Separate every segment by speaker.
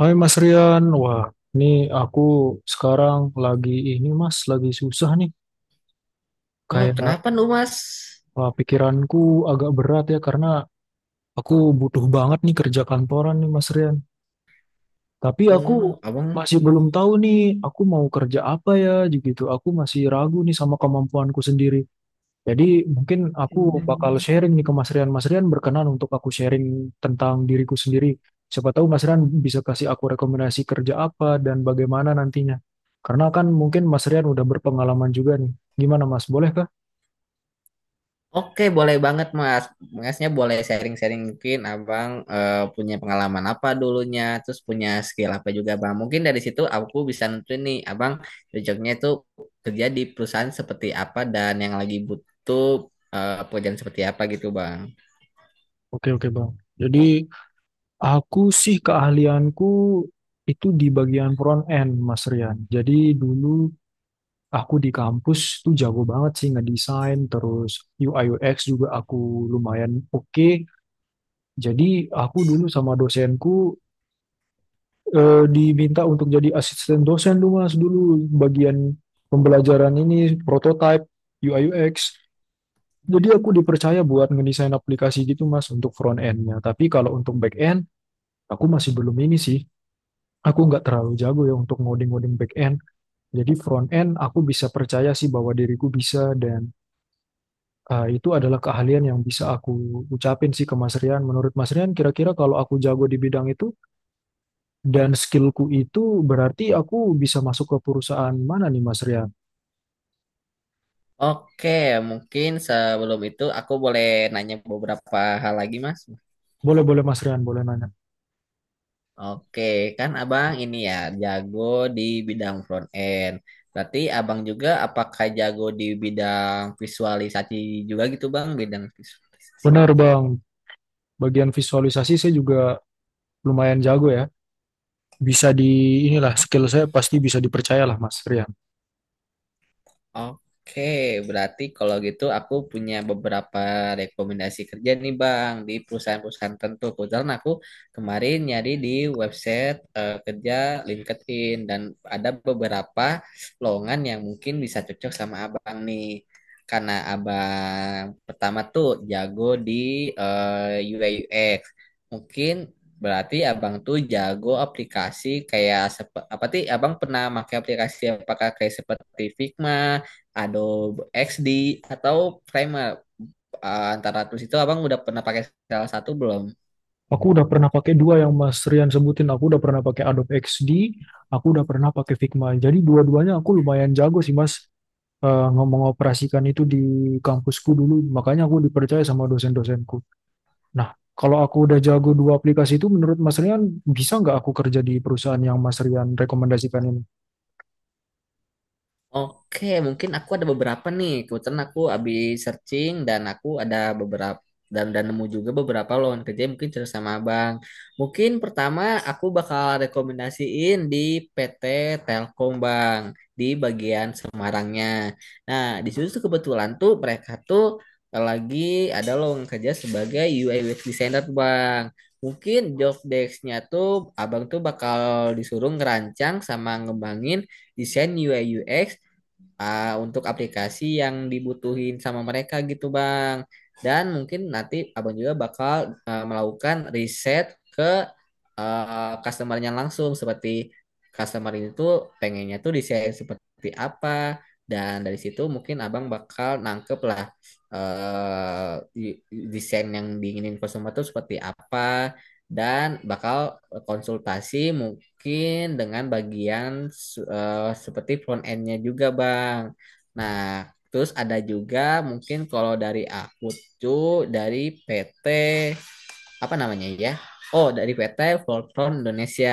Speaker 1: Hai Mas Rian, wah ini aku sekarang lagi ini Mas, lagi susah nih.
Speaker 2: Oh,
Speaker 1: Kayak
Speaker 2: kenapa lu, Mas?
Speaker 1: wah, pikiranku agak berat ya karena aku butuh banget nih kerja kantoran nih Mas Rian. Tapi aku
Speaker 2: Hmm, abang.
Speaker 1: masih belum tahu nih aku mau kerja apa ya gitu. Aku masih ragu nih sama kemampuanku sendiri. Jadi mungkin aku bakal sharing nih ke Mas Rian. Mas Rian berkenan untuk aku sharing tentang diriku sendiri. Siapa tahu Mas Rian bisa kasih aku rekomendasi kerja apa dan bagaimana nantinya. Karena kan mungkin Mas Rian udah berpengalaman juga nih. Gimana Mas, boleh kah?
Speaker 2: Oke, boleh banget, Mas. Masnya boleh sharing-sharing mungkin abang punya pengalaman apa dulunya, terus punya skill apa juga, Bang. Mungkin dari situ aku bisa nentuin nih, abang cocoknya itu kerja di perusahaan seperti apa dan yang lagi butuh pekerjaan seperti apa gitu, Bang.
Speaker 1: Oke, oke Bang. Jadi aku sih keahlianku itu di bagian front end Mas Rian. Jadi dulu aku di kampus tuh jago banget sih ngedesain, terus UI UX juga aku lumayan oke. Jadi aku dulu sama dosenku diminta untuk jadi asisten dosen dulu mas dulu bagian pembelajaran ini prototype UI UX. Jadi aku dipercaya buat ngedesain aplikasi gitu mas untuk front endnya. Tapi kalau untuk back end aku masih belum ini sih. Aku nggak terlalu jago ya untuk ngoding-ngoding back end. Jadi front end aku bisa percaya sih bahwa diriku bisa dan itu adalah keahlian yang bisa aku ucapin sih ke Mas Rian. Menurut Mas Rian kira-kira kalau aku jago di bidang itu dan skillku itu berarti aku bisa masuk ke perusahaan mana nih Mas Rian?
Speaker 2: Oke, mungkin sebelum itu aku boleh nanya beberapa hal lagi, Mas.
Speaker 1: Boleh, boleh Mas Rian, boleh nanya.
Speaker 2: Oke, kan abang ini ya jago di bidang front end. Berarti abang juga apakah jago di bidang visualisasi juga gitu bang?
Speaker 1: Benar Bang, bagian visualisasi saya juga lumayan jago ya. Inilah skill saya, pasti bisa dipercaya lah Mas Rian.
Speaker 2: Oke, berarti kalau gitu aku punya beberapa rekomendasi kerja nih Bang di perusahaan-perusahaan tertentu. Kebetulan aku kemarin nyari di website kerja LinkedIn dan ada beberapa lowongan yang mungkin bisa cocok sama Abang nih. Karena Abang pertama tuh jago di UI UX. Mungkin berarti Abang tuh jago aplikasi kayak apa sih? Abang pernah pakai aplikasi apakah kayak seperti Figma, Adobe XD, atau Premiere? Antara tools itu Abang udah pernah pakai salah satu belum?
Speaker 1: Aku udah pernah pakai dua yang Mas Rian sebutin. Aku udah pernah pakai Adobe XD, aku udah pernah pakai Figma. Jadi dua-duanya aku lumayan jago sih Mas. Ngomong operasikan itu di kampusku dulu. Makanya aku dipercaya sama dosen-dosenku. Nah, kalau aku udah jago dua aplikasi itu, menurut Mas Rian, bisa nggak aku kerja di perusahaan yang Mas Rian rekomendasikan ini?
Speaker 2: Oke, mungkin aku ada beberapa nih. Kebetulan aku habis searching dan aku ada beberapa dan nemu juga beberapa lowongan kerja yang mungkin cerita sama Abang. Mungkin pertama aku bakal rekomendasiin di PT Telkom Bang di bagian Semarangnya. Nah, di situ tuh kebetulan tuh mereka tuh lagi ada lowongan kerja sebagai UI UX designer tuh, Bang. Mungkin job desk-nya tuh Abang tuh bakal disuruh ngerancang sama ngembangin desain UI UX untuk aplikasi yang dibutuhin sama mereka gitu Bang. Dan mungkin nanti Abang juga bakal melakukan riset ke customernya langsung, seperti customer itu pengennya tuh desain seperti apa. Dan dari situ mungkin Abang bakal nangkep lah eh, di- desain yang diinginin customer tuh seperti apa dan bakal konsultasi mungkin dengan bagian seperti front end-nya juga, Bang. Nah, terus ada juga mungkin kalau dari aku tuh dari PT apa namanya ya? Oh, dari PT Voltron Indonesia.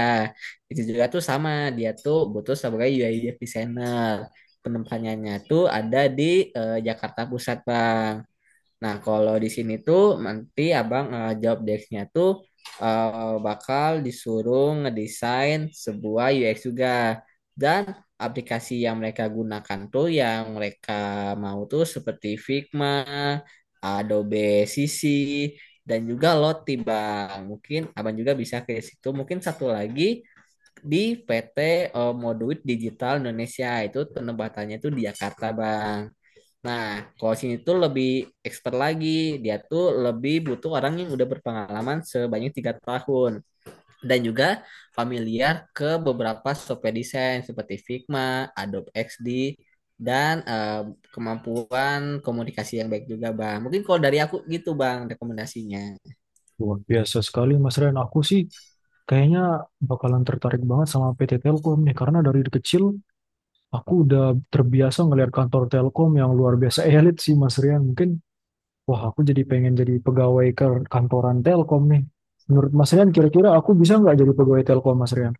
Speaker 2: Itu juga tuh sama, dia tuh butuh sebagai UI UX designer. Penempatannya tuh ada di Jakarta Pusat, Bang. Nah, kalau di sini tuh nanti Abang job desk-nya tuh bakal disuruh ngedesain sebuah UX juga. Dan aplikasi yang mereka gunakan tuh yang mereka mau tuh seperti Figma, Adobe CC, dan juga Lottie, Bang. Mungkin Abang juga bisa ke situ. Mungkin satu lagi di PT Moduit Digital Indonesia, itu penempatannya tuh di Jakarta, Bang. Nah, coaching itu lebih expert lagi. Dia tuh lebih butuh orang yang udah berpengalaman sebanyak 3 tahun dan juga familiar ke beberapa software desain seperti Figma, Adobe XD, dan kemampuan komunikasi yang baik juga, Bang. Mungkin kalau dari aku gitu, Bang, rekomendasinya.
Speaker 1: Luar biasa sekali, Mas Rian. Aku sih kayaknya bakalan tertarik banget sama PT Telkom nih, karena dari kecil aku udah terbiasa ngelihat kantor Telkom yang luar biasa elit sih, Mas Rian. Mungkin, wah aku jadi pengen jadi pegawai kantoran Telkom nih. Menurut Mas Rian, kira-kira aku bisa nggak jadi pegawai Telkom, Mas Rian?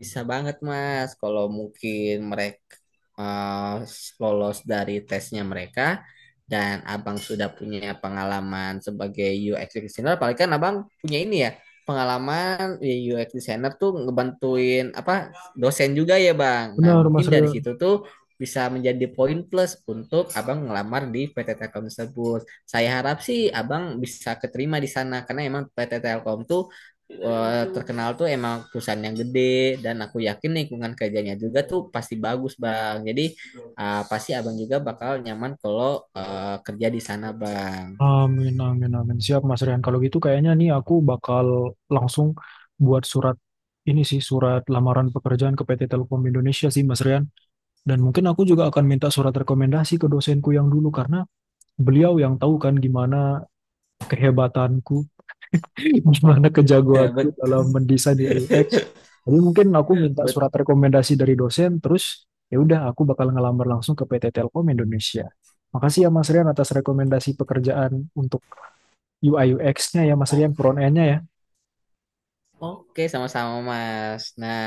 Speaker 2: Bisa banget Mas, kalau mungkin mereka lolos dari tesnya mereka dan Abang sudah punya pengalaman sebagai UX designer, apalagi kan Abang punya ini ya, pengalaman ya, UX designer tuh ngebantuin apa dosen juga ya Bang. Nah,
Speaker 1: Benar, Mas
Speaker 2: mungkin dari
Speaker 1: Rian.
Speaker 2: situ tuh bisa menjadi poin plus untuk Abang ngelamar di PT Telkom tersebut. Saya harap sih Abang bisa keterima di sana karena emang PT Telkom tuh terkenal tuh emang perusahaan yang gede, dan aku yakin lingkungan kerjanya juga tuh pasti bagus bang. Jadi pasti abang juga bakal nyaman kalau kerja di sana bang.
Speaker 1: Amin, amin, amin. Siap, Mas Rian. Kalau gitu kayaknya nih aku bakal langsung buat surat ini sih, surat lamaran pekerjaan ke PT Telkom Indonesia sih, Mas Rian. Dan mungkin aku juga akan minta surat rekomendasi ke dosenku yang dulu, karena beliau yang tahu kan gimana kehebatanku, gimana kejagoanku
Speaker 2: bet
Speaker 1: dalam mendesain UX. Jadi mungkin aku minta
Speaker 2: bet
Speaker 1: surat rekomendasi dari dosen, terus ya udah aku bakal ngelamar langsung ke PT Telkom Indonesia. Makasih ya Mas Rian atas rekomendasi pekerjaan untuk UI UX-nya ya Mas
Speaker 2: O-
Speaker 1: Rian, front end-nya ya.
Speaker 2: oke, sama-sama mas. Nah,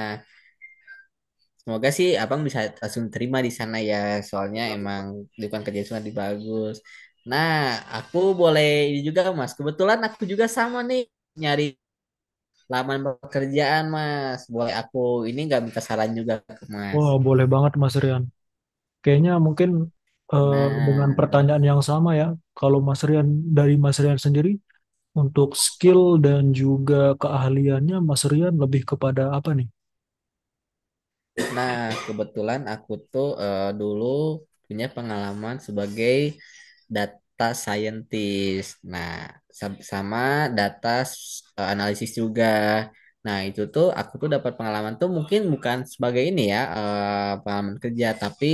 Speaker 2: semoga sih abang bisa langsung terima di sana ya,
Speaker 1: Amin,
Speaker 2: soalnya
Speaker 1: amin,
Speaker 2: emang
Speaker 1: Mas.
Speaker 2: lingkungan kerja sana bagus. Nah, aku boleh ini juga mas, kebetulan aku juga sama nih, nyari laman pekerjaan mas. Boleh aku ini nggak minta saran juga ke mas?
Speaker 1: Wah, boleh banget Mas Rian. Kayaknya mungkin dengan
Speaker 2: Nah,
Speaker 1: pertanyaan yang sama ya, kalau Mas Rian dari Mas Rian sendiri, untuk skill dan juga keahliannya Mas Rian lebih kepada apa nih?
Speaker 2: nah, kebetulan aku tuh dulu punya pengalaman sebagai data scientist. Nah, sama analisis juga. Nah, itu tuh aku tuh dapat pengalaman tuh mungkin bukan sebagai ini ya, pengalaman kerja, tapi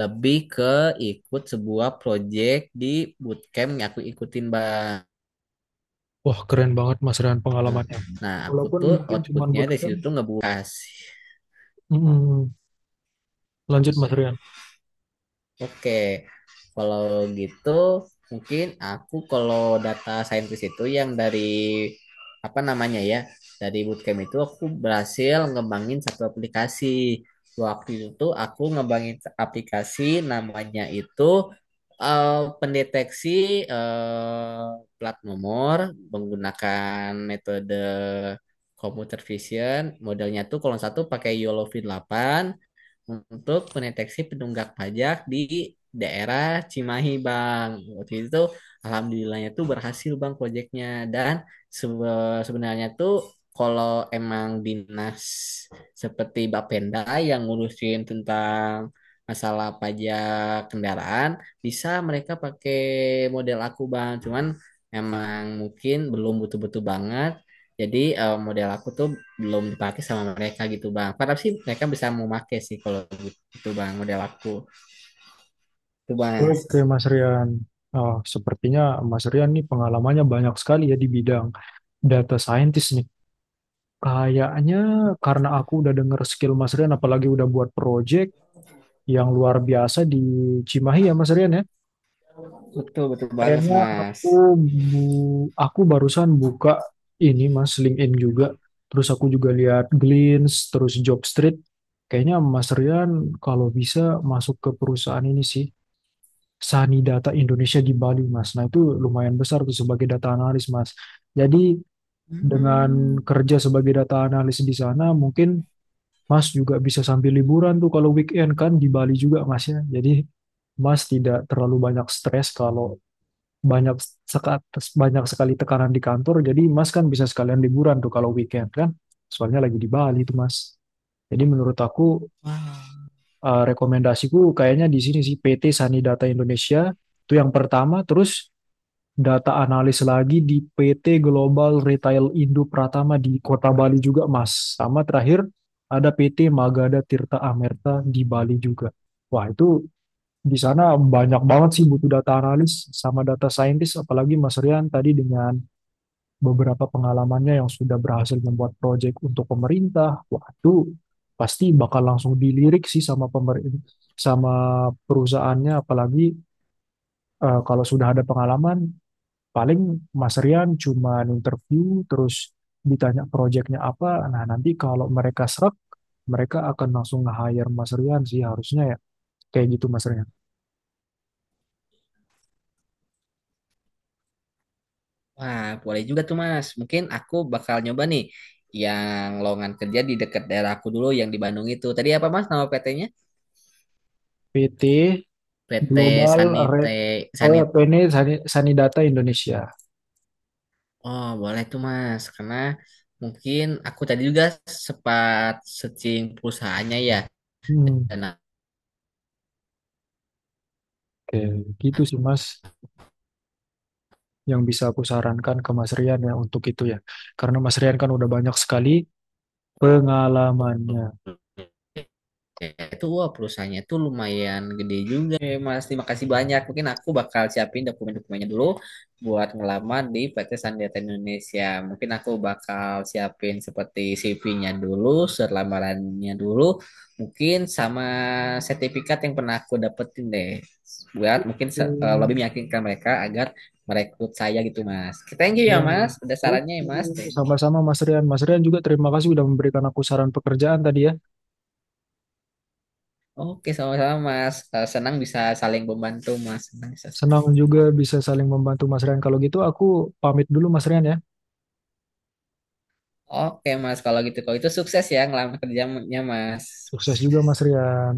Speaker 2: lebih ke ikut sebuah project di bootcamp yang aku ikutin, Bang.
Speaker 1: Wah, keren banget Mas Rian pengalamannya.
Speaker 2: Nah, aku
Speaker 1: Walaupun
Speaker 2: tuh
Speaker 1: mungkin cuma
Speaker 2: outputnya dari situ
Speaker 1: bootcamp.
Speaker 2: tuh ngebuat
Speaker 1: Mm-mm. Lanjut Mas Rian.
Speaker 2: oke, kalau gitu mungkin aku kalau data scientist itu yang dari apa namanya ya, dari bootcamp itu aku berhasil ngembangin satu aplikasi. Waktu itu aku ngembangin aplikasi namanya itu pendeteksi eh, plat nomor menggunakan metode computer vision. Modelnya tuh kalau satu pakai yolovin delapan untuk mendeteksi penunggak pajak di daerah Cimahi, Bang. Waktu itu alhamdulillahnya tuh berhasil, Bang, proyeknya. Dan sebenarnya tuh kalau emang dinas seperti Bapenda yang ngurusin tentang masalah pajak kendaraan, bisa mereka pakai model aku, Bang. Cuman emang mungkin belum butuh-butuh banget. Jadi model aku tuh belum dipakai sama mereka gitu bang. Padahal sih mereka bisa mau pakai sih kalau gitu bang model aku. Itu mas,
Speaker 1: Oke Mas Rian. Ah, sepertinya Mas Rian nih pengalamannya banyak sekali ya di bidang data scientist nih. Kayaknya karena aku udah denger skill Mas Rian, apalagi udah buat project yang luar biasa di Cimahi ya Mas Rian ya.
Speaker 2: betul betul banget sih,
Speaker 1: Kayaknya
Speaker 2: mas.
Speaker 1: aku barusan buka ini Mas LinkedIn juga. Terus aku juga lihat Glints, terus Jobstreet. Kayaknya Mas Rian kalau bisa masuk ke perusahaan ini sih. Sani Data Indonesia di Bali Mas. Nah itu lumayan besar tuh sebagai data analis Mas. Jadi dengan
Speaker 2: Hmm.
Speaker 1: kerja sebagai data analis di sana mungkin Mas juga bisa sambil liburan tuh kalau weekend kan di Bali juga Mas ya. Jadi Mas tidak terlalu banyak stres kalau banyak seka- banyak sekali tekanan di kantor. Jadi Mas kan bisa sekalian liburan tuh kalau weekend kan. Soalnya lagi di Bali tuh Mas. Jadi menurut aku
Speaker 2: Wah,
Speaker 1: rekomendasiku kayaknya di sini sih PT Sanidata Indonesia itu yang pertama. Terus data analis lagi di PT Global Retail Indo Pratama di Kota Bali juga, Mas. Sama terakhir ada PT Magada Tirta Amerta di Bali juga. Wah, itu di sana banyak banget sih butuh data analis sama data scientist, apalagi Mas Rian tadi dengan beberapa pengalamannya yang sudah berhasil membuat proyek untuk pemerintah. Wah, itu pasti bakal langsung dilirik sih sama pemerintah sama perusahaannya apalagi kalau sudah ada pengalaman. Paling Mas Rian cuma interview terus ditanya proyeknya apa. Nah, nanti kalau mereka serak, mereka akan langsung nge-hire Mas Rian sih harusnya ya. Kayak gitu Mas Rian.
Speaker 2: wah, boleh juga tuh mas. Mungkin aku bakal nyoba nih yang lowongan kerja di dekat daerah aku dulu yang di Bandung itu. Tadi apa mas nama PT-nya?
Speaker 1: PT
Speaker 2: PT
Speaker 1: Global Red.
Speaker 2: Sanite
Speaker 1: Oh ya,
Speaker 2: Sanit.
Speaker 1: PNI Sani, Sanidata Indonesia.
Speaker 2: Oh boleh tuh mas, karena mungkin aku tadi juga sempat searching perusahaannya ya
Speaker 1: Hmm,
Speaker 2: dan
Speaker 1: oke, gitu sih Mas yang bisa aku sarankan ke Mas Rian ya untuk itu ya. Karena Mas Rian kan udah banyak sekali pengalamannya.
Speaker 2: ya, itu wah perusahaannya itu lumayan gede juga ya Mas. Terima kasih banyak. Mungkin aku bakal siapin dokumen-dokumennya dulu buat ngelamar di PT Sandiata Indonesia. Mungkin aku bakal siapin seperti CV-nya dulu, surat lamarannya dulu, mungkin sama sertifikat yang pernah aku dapetin deh. Buat mungkin lebih
Speaker 1: Hmm.
Speaker 2: meyakinkan mereka agar merekrut saya gitu Mas. Oke, thank you ya
Speaker 1: Oh,
Speaker 2: Mas, ada sarannya ya
Speaker 1: Oke,
Speaker 2: Mas. Thank you.
Speaker 1: sama-sama Mas Rian. Mas Rian juga terima kasih sudah memberikan aku saran pekerjaan tadi ya.
Speaker 2: Oke, sama-sama Mas. Senang bisa saling membantu Mas. Senang bisa
Speaker 1: Senang juga bisa saling membantu Mas Rian. Kalau gitu aku pamit dulu Mas Rian ya.
Speaker 2: Oke Mas, kalau gitu. Kalau itu sukses ya ngelamar kerjanya Mas.
Speaker 1: Sukses juga Mas Rian.